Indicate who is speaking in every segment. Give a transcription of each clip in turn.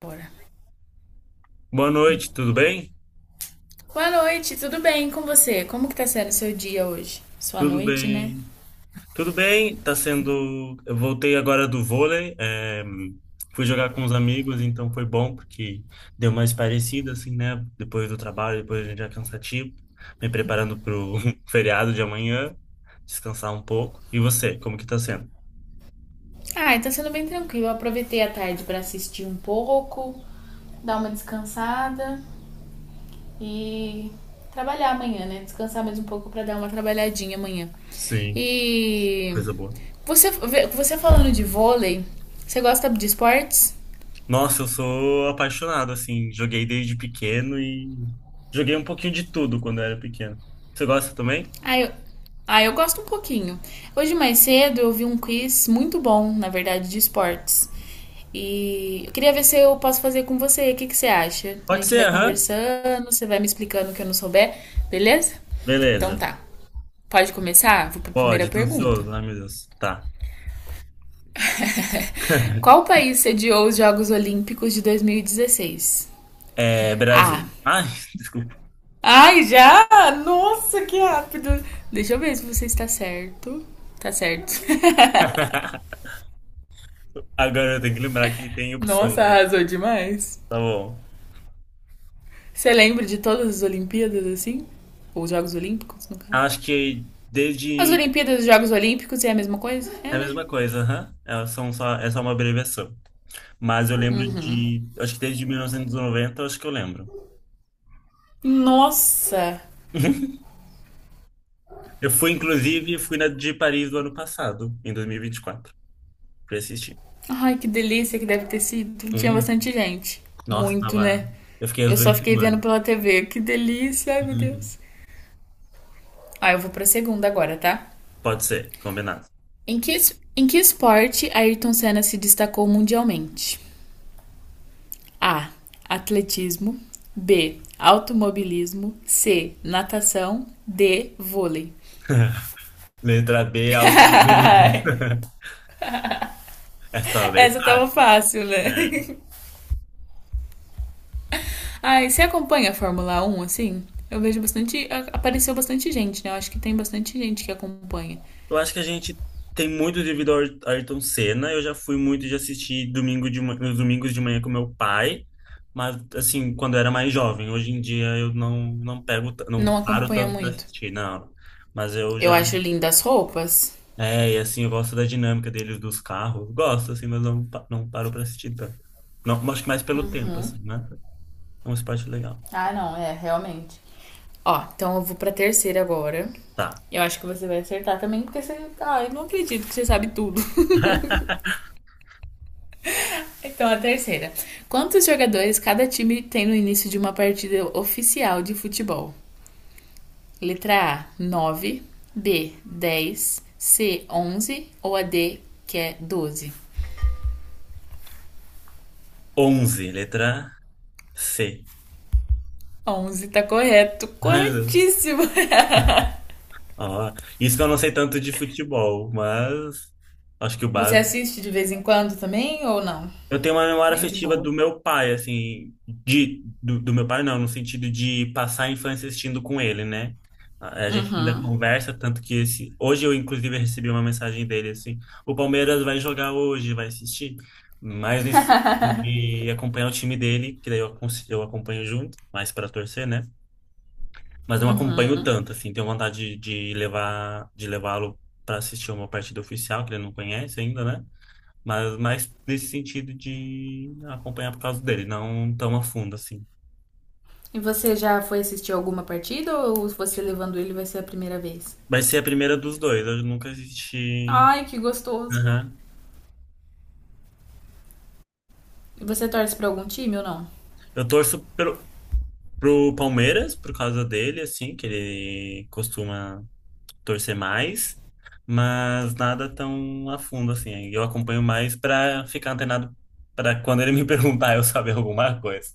Speaker 1: Bora.
Speaker 2: Boa noite, tudo bem?
Speaker 1: Boa noite, tudo bem com você? Como que tá sendo o seu dia hoje? Sua
Speaker 2: Tudo
Speaker 1: noite, né?
Speaker 2: bem. Tudo bem, tá sendo. Eu voltei agora do vôlei, é, fui jogar com os amigos, então foi bom, porque deu mais parecido, assim, né? Depois do trabalho, depois a gente já é cansativo, me preparando pro feriado de amanhã, descansar um pouco. E você, como que tá sendo?
Speaker 1: Ah, tá sendo bem tranquilo. Eu aproveitei a tarde pra assistir um pouco, dar uma descansada e trabalhar amanhã, né? Descansar mais um pouco pra dar uma trabalhadinha amanhã.
Speaker 2: Sim,
Speaker 1: E
Speaker 2: coisa boa.
Speaker 1: você, você falando de vôlei, você gosta de esportes?
Speaker 2: Nossa, eu sou apaixonado, assim, joguei desde pequeno e joguei um pouquinho de tudo quando eu era pequeno. Você gosta também?
Speaker 1: Ah, eu, ah, eu gosto um pouquinho. Hoje mais cedo eu vi um quiz muito bom, na verdade, de esportes. E eu queria ver se eu posso fazer com você. O que que você acha? A
Speaker 2: Pode
Speaker 1: gente
Speaker 2: ser,
Speaker 1: vai
Speaker 2: aham.
Speaker 1: conversando, você vai me explicando o que eu não souber, beleza? Então
Speaker 2: Beleza.
Speaker 1: tá. Pode começar? Vou para a primeira
Speaker 2: Pode, tô
Speaker 1: pergunta.
Speaker 2: ansioso. Ai, meu Deus. Tá.
Speaker 1: Qual país sediou os Jogos Olímpicos de 2016?
Speaker 2: É
Speaker 1: A.
Speaker 2: Brasil. Ai, desculpa.
Speaker 1: Ai, já? Nossa, que rápido! Deixa eu ver se você está certo. Tá certo.
Speaker 2: Agora eu tenho que lembrar que tem opções,
Speaker 1: Nossa,
Speaker 2: né?
Speaker 1: arrasou demais.
Speaker 2: Tá bom.
Speaker 1: Você lembra de todas as Olimpíadas assim? Ou os Jogos Olímpicos, no caso?
Speaker 2: Acho que
Speaker 1: As
Speaker 2: desde.
Speaker 1: Olimpíadas e os Jogos Olímpicos é a mesma coisa?
Speaker 2: É
Speaker 1: É,
Speaker 2: a
Speaker 1: né?
Speaker 2: mesma coisa, aham. É só uma abreviação. Mas eu lembro de. Acho que desde 1990, acho que eu lembro.
Speaker 1: Nossa!
Speaker 2: Eu fui, inclusive, fui na de Paris do ano passado, em 2024, pra assistir.
Speaker 1: Ai, que delícia que deve ter sido. Tinha
Speaker 2: Hum,
Speaker 1: bastante gente.
Speaker 2: Nossa,
Speaker 1: Muito,
Speaker 2: tava.
Speaker 1: né?
Speaker 2: Eu fiquei as
Speaker 1: Eu
Speaker 2: duas
Speaker 1: só fiquei vendo
Speaker 2: semanas.
Speaker 1: pela TV. Que delícia, ai meu
Speaker 2: Uhum.
Speaker 1: Deus. Ah, eu vou pra segunda agora, tá?
Speaker 2: Pode ser, combinado.
Speaker 1: Em que, em que esporte Ayrton Senna se destacou mundialmente? A. Atletismo. B. Automobilismo. C. Natação. D. Vôlei.
Speaker 2: Letra B é algo difícil. Essa tava bem
Speaker 1: Essa tava
Speaker 2: fácil.
Speaker 1: fácil, né?
Speaker 2: Né?
Speaker 1: Ai, você acompanha a Fórmula 1 assim? Eu vejo bastante. Apareceu bastante gente, né? Eu acho que tem bastante gente que acompanha.
Speaker 2: Eu acho que a gente tem muito devido ao Ayrton Senna. Eu já fui muito de assistir nos domingos de manhã com meu pai, mas assim, quando eu era mais jovem. Hoje em dia eu não
Speaker 1: Não
Speaker 2: paro
Speaker 1: acompanha
Speaker 2: tanto para
Speaker 1: muito.
Speaker 2: assistir, não. Mas eu
Speaker 1: Eu
Speaker 2: já.
Speaker 1: acho lindas as roupas.
Speaker 2: É, e assim, eu gosto da dinâmica deles, dos carros. Gosto, assim, mas não, não paro para assistir tanto. Não, acho que mais pelo tempo, assim, né? É um esporte legal.
Speaker 1: Ah, não, é, realmente. Ó, então eu vou pra terceira agora.
Speaker 2: Tá.
Speaker 1: Eu acho que você vai acertar também, porque você. Ah, eu não acredito que você sabe tudo. Então, a terceira. Quantos jogadores cada time tem no início de uma partida oficial de futebol? Letra A, nove. B, dez. C, onze. Ou a D, que é doze.
Speaker 2: 11, letra C.
Speaker 1: Onze tá correto,
Speaker 2: Ai, meu Deus.
Speaker 1: corretíssimo!
Speaker 2: Ó, isso que eu não sei tanto de futebol, mas acho que o
Speaker 1: Você
Speaker 2: básico.
Speaker 1: assiste de vez em quando também ou não?
Speaker 2: Eu tenho uma memória
Speaker 1: Bem de
Speaker 2: afetiva
Speaker 1: boa.
Speaker 2: do meu pai, assim, do meu pai não, no sentido de passar a infância assistindo com ele, né? A gente ainda conversa, tanto que esse, hoje eu inclusive recebi uma mensagem dele assim, o Palmeiras vai jogar hoje, vai assistir, mas nesse de acompanhar o time dele, que daí eu acompanho junto, mais para torcer, né? Mas não acompanho tanto, assim, tenho vontade de levá-lo para assistir uma partida oficial, que ele não conhece ainda, né? Mas mais nesse sentido de acompanhar por causa dele, não tão a fundo, assim.
Speaker 1: E você já foi assistir alguma partida ou você levando ele vai ser a primeira vez?
Speaker 2: Vai ser a primeira dos dois, eu nunca assisti.
Speaker 1: Ai, que gostoso!
Speaker 2: Aham.
Speaker 1: E você torce pra algum time ou não?
Speaker 2: Eu torço pelo, pro Palmeiras, por causa dele, assim, que ele costuma torcer mais, mas nada tão a fundo assim. Aí eu acompanho mais para ficar antenado para quando ele me perguntar eu saber alguma coisa,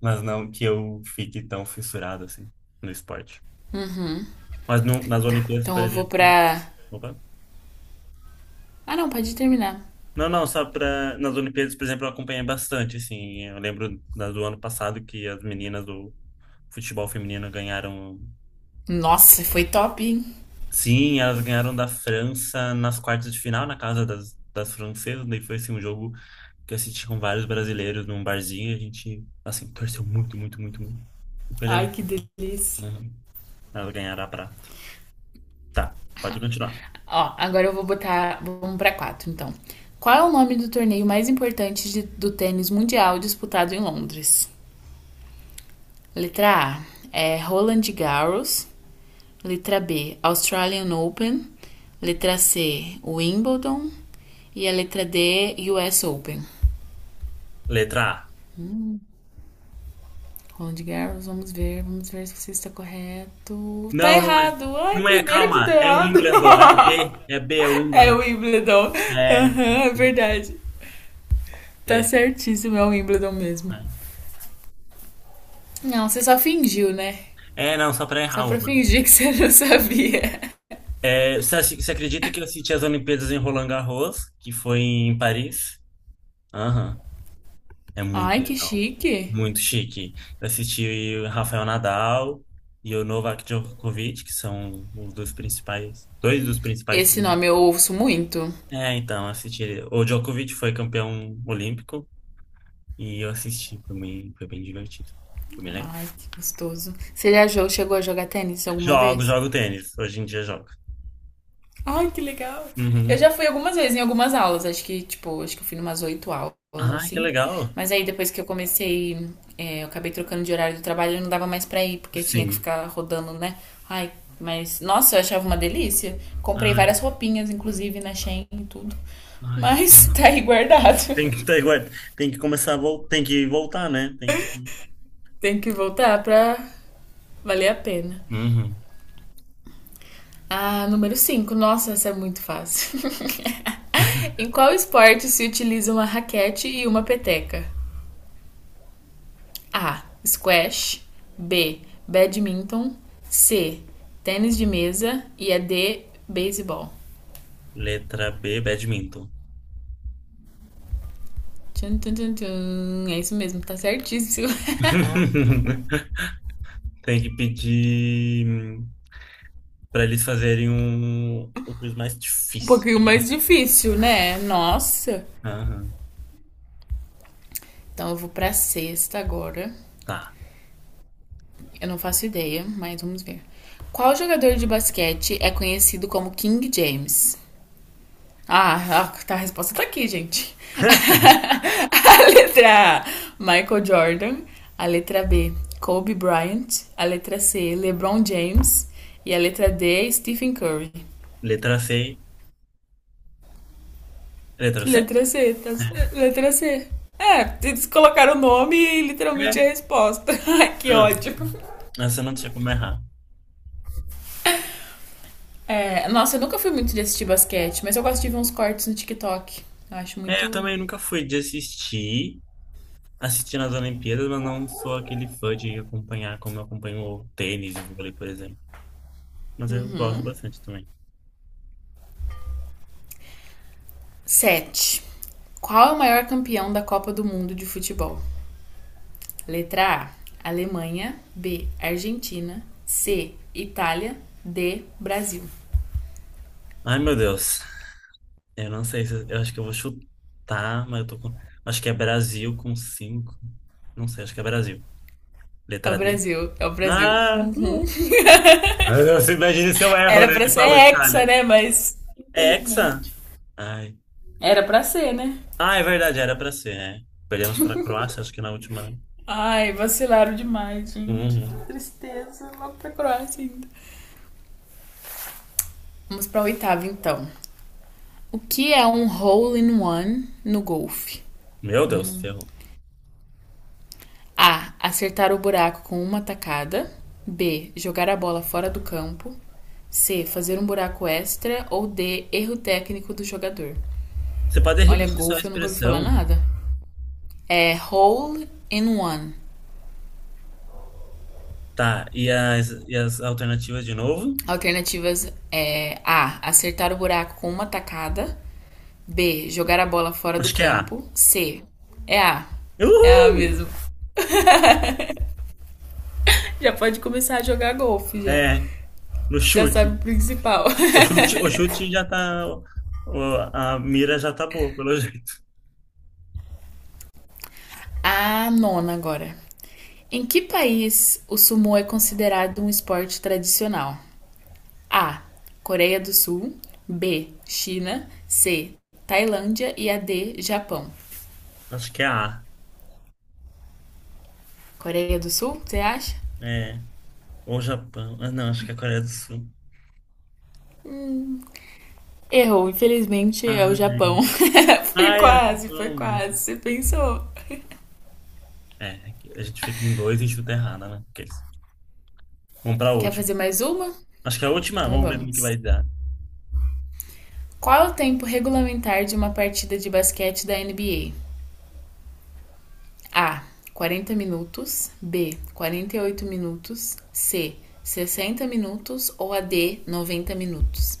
Speaker 2: mas não que eu fique tão fissurado assim no esporte.
Speaker 1: Uhum.
Speaker 2: Mas no, nas
Speaker 1: Tá.
Speaker 2: Olimpíadas,
Speaker 1: Então
Speaker 2: por
Speaker 1: eu vou
Speaker 2: exemplo,
Speaker 1: pra.
Speaker 2: opa.
Speaker 1: Ah, não, pode terminar.
Speaker 2: Não, não, só para nas Olimpíadas, por exemplo, eu acompanhei bastante assim. Eu lembro do ano passado que as meninas do futebol feminino ganharam.
Speaker 1: Nossa, foi top, hein?
Speaker 2: Sim, elas ganharam da França nas quartas de final, na casa das francesas. Daí foi assim, um jogo que eu assisti com vários brasileiros num barzinho e a gente, assim, torceu muito, muito, muito, muito. E foi legal.
Speaker 1: Ai, que delícia.
Speaker 2: Uhum. Ela ganhará a prata. Tá, pode continuar.
Speaker 1: Ó, agora eu vou botar. Vamos pra quatro, então. Qual é o nome do torneio mais importante do tênis mundial disputado em Londres? Letra A é Roland Garros. Letra B, Australian Open. Letra C, Wimbledon. E a letra D, US Open.
Speaker 2: Letra A.
Speaker 1: Roland Garros, vamos ver se você está correto. Tá
Speaker 2: Não, não é.
Speaker 1: errado! Ai,
Speaker 2: Não é,
Speaker 1: primeiro que você tá
Speaker 2: calma. É o
Speaker 1: errado!
Speaker 2: Wimbledon. É B. É B, é o
Speaker 1: É o
Speaker 2: Wimbledon.
Speaker 1: Wimbledon.
Speaker 2: É.
Speaker 1: Aham, uhum, é verdade. Tá
Speaker 2: É.
Speaker 1: certíssimo, é o Wimbledon mesmo. Não, você só fingiu, né?
Speaker 2: É, não, só pra
Speaker 1: Só
Speaker 2: errar
Speaker 1: pra
Speaker 2: uma.
Speaker 1: fingir que você não sabia.
Speaker 2: É, você acredita que eu assisti as Olimpíadas em Roland Garros, que foi em Paris? Aham. É muito
Speaker 1: Ai, que
Speaker 2: legal.
Speaker 1: chique.
Speaker 2: Muito chique. Eu assisti o Rafael Nadal e o Novak Djokovic, que são os dois principais, dois dos principais
Speaker 1: Esse
Speaker 2: também.
Speaker 1: nome eu ouço muito.
Speaker 2: É, então, assisti ele. O Djokovic foi campeão olímpico e eu assisti, foi bem divertido. Foi bem legal.
Speaker 1: Ai, que gostoso. Você chegou a jogar tênis alguma
Speaker 2: Jogo,
Speaker 1: vez?
Speaker 2: jogo tênis. Hoje em dia jogo.
Speaker 1: Ai, que legal. Eu
Speaker 2: Uhum.
Speaker 1: já fui algumas vezes em algumas aulas, acho que, tipo, acho que eu fui numas 8 aulas,
Speaker 2: Ai, que
Speaker 1: assim.
Speaker 2: legal.
Speaker 1: Mas aí depois que eu comecei, eu acabei trocando de horário do trabalho, eu não dava mais pra ir, porque eu tinha que
Speaker 2: Sim.
Speaker 1: ficar rodando, né? Ai, mas, nossa, eu achava uma delícia. Comprei
Speaker 2: Ai,
Speaker 1: várias roupinhas, inclusive, na Shein e tudo.
Speaker 2: ai, sim.
Speaker 1: Mas tá aí guardado.
Speaker 2: Ué, tem que começar a voltar, tem que voltar, né? Tem que.
Speaker 1: Tem que voltar pra valer a pena.
Speaker 2: Uhum.
Speaker 1: Ah, número 5. Nossa, essa é muito fácil. Em qual esporte se utiliza uma raquete e uma peteca? A. Squash. B. Badminton. C. Tênis de mesa. E a D. Beisebol.
Speaker 2: Letra B, badminton.
Speaker 1: Tchum, tchum, tchum, é isso mesmo, tá certíssimo.
Speaker 2: Tem que pedir para eles fazerem um quiz mais
Speaker 1: Um
Speaker 2: difícil.
Speaker 1: pouquinho mais difícil, né? Nossa.
Speaker 2: Aham,
Speaker 1: Então eu vou pra sexta agora.
Speaker 2: tá.
Speaker 1: Eu não faço ideia, mas vamos ver. Qual jogador de basquete é conhecido como King James? Ah, tá, a resposta tá aqui, gente. A letra A, Michael Jordan. A letra B, Kobe Bryant. A letra C, LeBron James. E a letra D, Stephen Curry.
Speaker 2: Letra C. Letra C?
Speaker 1: Letra C, tá,
Speaker 2: É.
Speaker 1: letra C. É, eles colocaram o nome e literalmente a
Speaker 2: É.
Speaker 1: resposta. Ai, que ódio.
Speaker 2: Ah, essa não tinha como errar.
Speaker 1: É, nossa, eu nunca fui muito de assistir basquete, mas eu gosto de ver uns cortes no TikTok. Eu acho
Speaker 2: É, eu
Speaker 1: muito.
Speaker 2: também nunca fui de assistir nas Olimpíadas, mas não sou aquele fã de acompanhar como eu acompanho o tênis, o vôlei, por exemplo. Mas eu gosto bastante também.
Speaker 1: Sete. Qual é o maior campeão da Copa do Mundo de futebol? Letra A: Alemanha. B: Argentina. C: Itália. D: Brasil.
Speaker 2: Ai, meu Deus. Eu não sei se eu acho que eu vou chutar, mas eu tô com. Acho que é Brasil com cinco. Não sei, acho que é Brasil.
Speaker 1: É o
Speaker 2: Letra D.
Speaker 1: Brasil, é o Brasil.
Speaker 2: Ah, pô. Ah, você imagina se eu erro,
Speaker 1: Era
Speaker 2: né?
Speaker 1: pra
Speaker 2: Ele
Speaker 1: ser
Speaker 2: falou
Speaker 1: hexa,
Speaker 2: Itália.
Speaker 1: né? Mas,
Speaker 2: É Hexa?
Speaker 1: infelizmente.
Speaker 2: Ai.
Speaker 1: Era pra ser, né?
Speaker 2: Ah, é verdade, era pra ser, é. Perdemos pra Croácia, acho que na última, né?
Speaker 1: Ai, vacilaram demais, gente. Que
Speaker 2: Uhum.
Speaker 1: tristeza. Vamos pra Croácia ainda. Vamos pra oitava, então. O que é um hole in one no golfe?
Speaker 2: Meu Deus, ferrou.
Speaker 1: A. Acertar o buraco com uma tacada. B. Jogar a bola fora do campo. C. Fazer um buraco extra. Ou D. Erro técnico do jogador.
Speaker 2: Você pode
Speaker 1: Olha,
Speaker 2: repetir só a
Speaker 1: golfe eu nunca ouvi falar
Speaker 2: expressão?
Speaker 1: nada. É hole in one.
Speaker 2: Tá, e as alternativas de novo?
Speaker 1: Alternativas é A. Acertar o buraco com uma tacada. B. Jogar a bola fora do
Speaker 2: Acho que é A.
Speaker 1: campo. C. É A. É A
Speaker 2: Uhul!
Speaker 1: mesmo. Já pode começar a jogar golfe já.
Speaker 2: É, no
Speaker 1: Já sabe o
Speaker 2: chute.
Speaker 1: principal.
Speaker 2: O chute, o chute já tá. A mira já tá boa, pelo jeito.
Speaker 1: A nona agora. Em que país o sumo é considerado um esporte tradicional? A. Coreia do Sul. B. China. C. Tailândia. E a D. Japão.
Speaker 2: Acho que é A.
Speaker 1: Coreia do Sul, você acha?
Speaker 2: É. Ou Japão. Ah, não, acho que é a Coreia do Sul.
Speaker 1: Errou, infelizmente é o Japão.
Speaker 2: Ai,
Speaker 1: Foi
Speaker 2: ai, é o
Speaker 1: quase, foi quase.
Speaker 2: Japão.
Speaker 1: Você pensou.
Speaker 2: É, a gente fica em dois e chuta errada, né? Vamos pra
Speaker 1: Quer
Speaker 2: última.
Speaker 1: fazer mais uma?
Speaker 2: Acho que é a última,
Speaker 1: Então
Speaker 2: vamos ver no que vai
Speaker 1: vamos.
Speaker 2: dar.
Speaker 1: Qual é o tempo regulamentar de uma partida de basquete da NBA? A. 40 minutos. B. 48 minutos. C. 60 minutos. Ou a D. 90 minutos.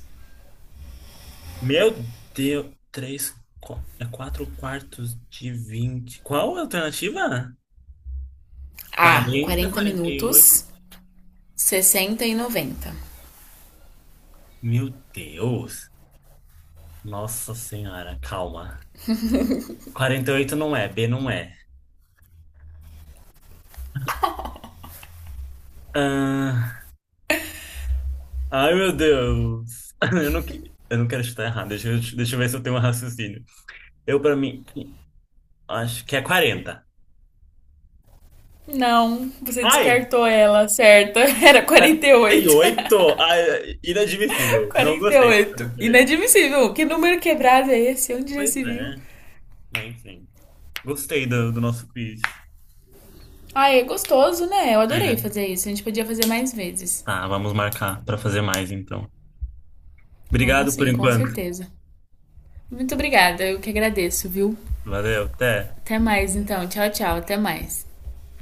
Speaker 2: Meu Deus, É quatro quartos de 20. Qual a alternativa?
Speaker 1: A.
Speaker 2: 40,
Speaker 1: Quarenta
Speaker 2: 48.
Speaker 1: minutos. 60 e 90.
Speaker 2: Meu Deus. Nossa Senhora, calma. 48 não é, B não é. Ah, ai, meu Deus. Eu não quero chutar errado. Deixa eu ver se eu tenho um raciocínio. Eu, pra mim, acho que é 40.
Speaker 1: Não, você
Speaker 2: Ai,
Speaker 1: descartou ela, certa. Era
Speaker 2: 48? Ai,
Speaker 1: 48.
Speaker 2: inadmissível. Não gostei dessa
Speaker 1: 48.
Speaker 2: brincadeira.
Speaker 1: Inadmissível. Que número quebrado é esse? Onde já
Speaker 2: Pois
Speaker 1: se viu?
Speaker 2: é, mas enfim. Gostei do nosso quiz.
Speaker 1: Ah, é gostoso, né? Eu adorei
Speaker 2: É.
Speaker 1: fazer isso. A gente podia fazer mais vezes.
Speaker 2: Tá, vamos marcar pra fazer mais, então.
Speaker 1: Vamos
Speaker 2: Obrigado por
Speaker 1: sim, com
Speaker 2: enquanto.
Speaker 1: certeza. Muito obrigada, eu que agradeço, viu?
Speaker 2: Valeu, até.
Speaker 1: Até mais, então. Tchau, tchau. Até mais.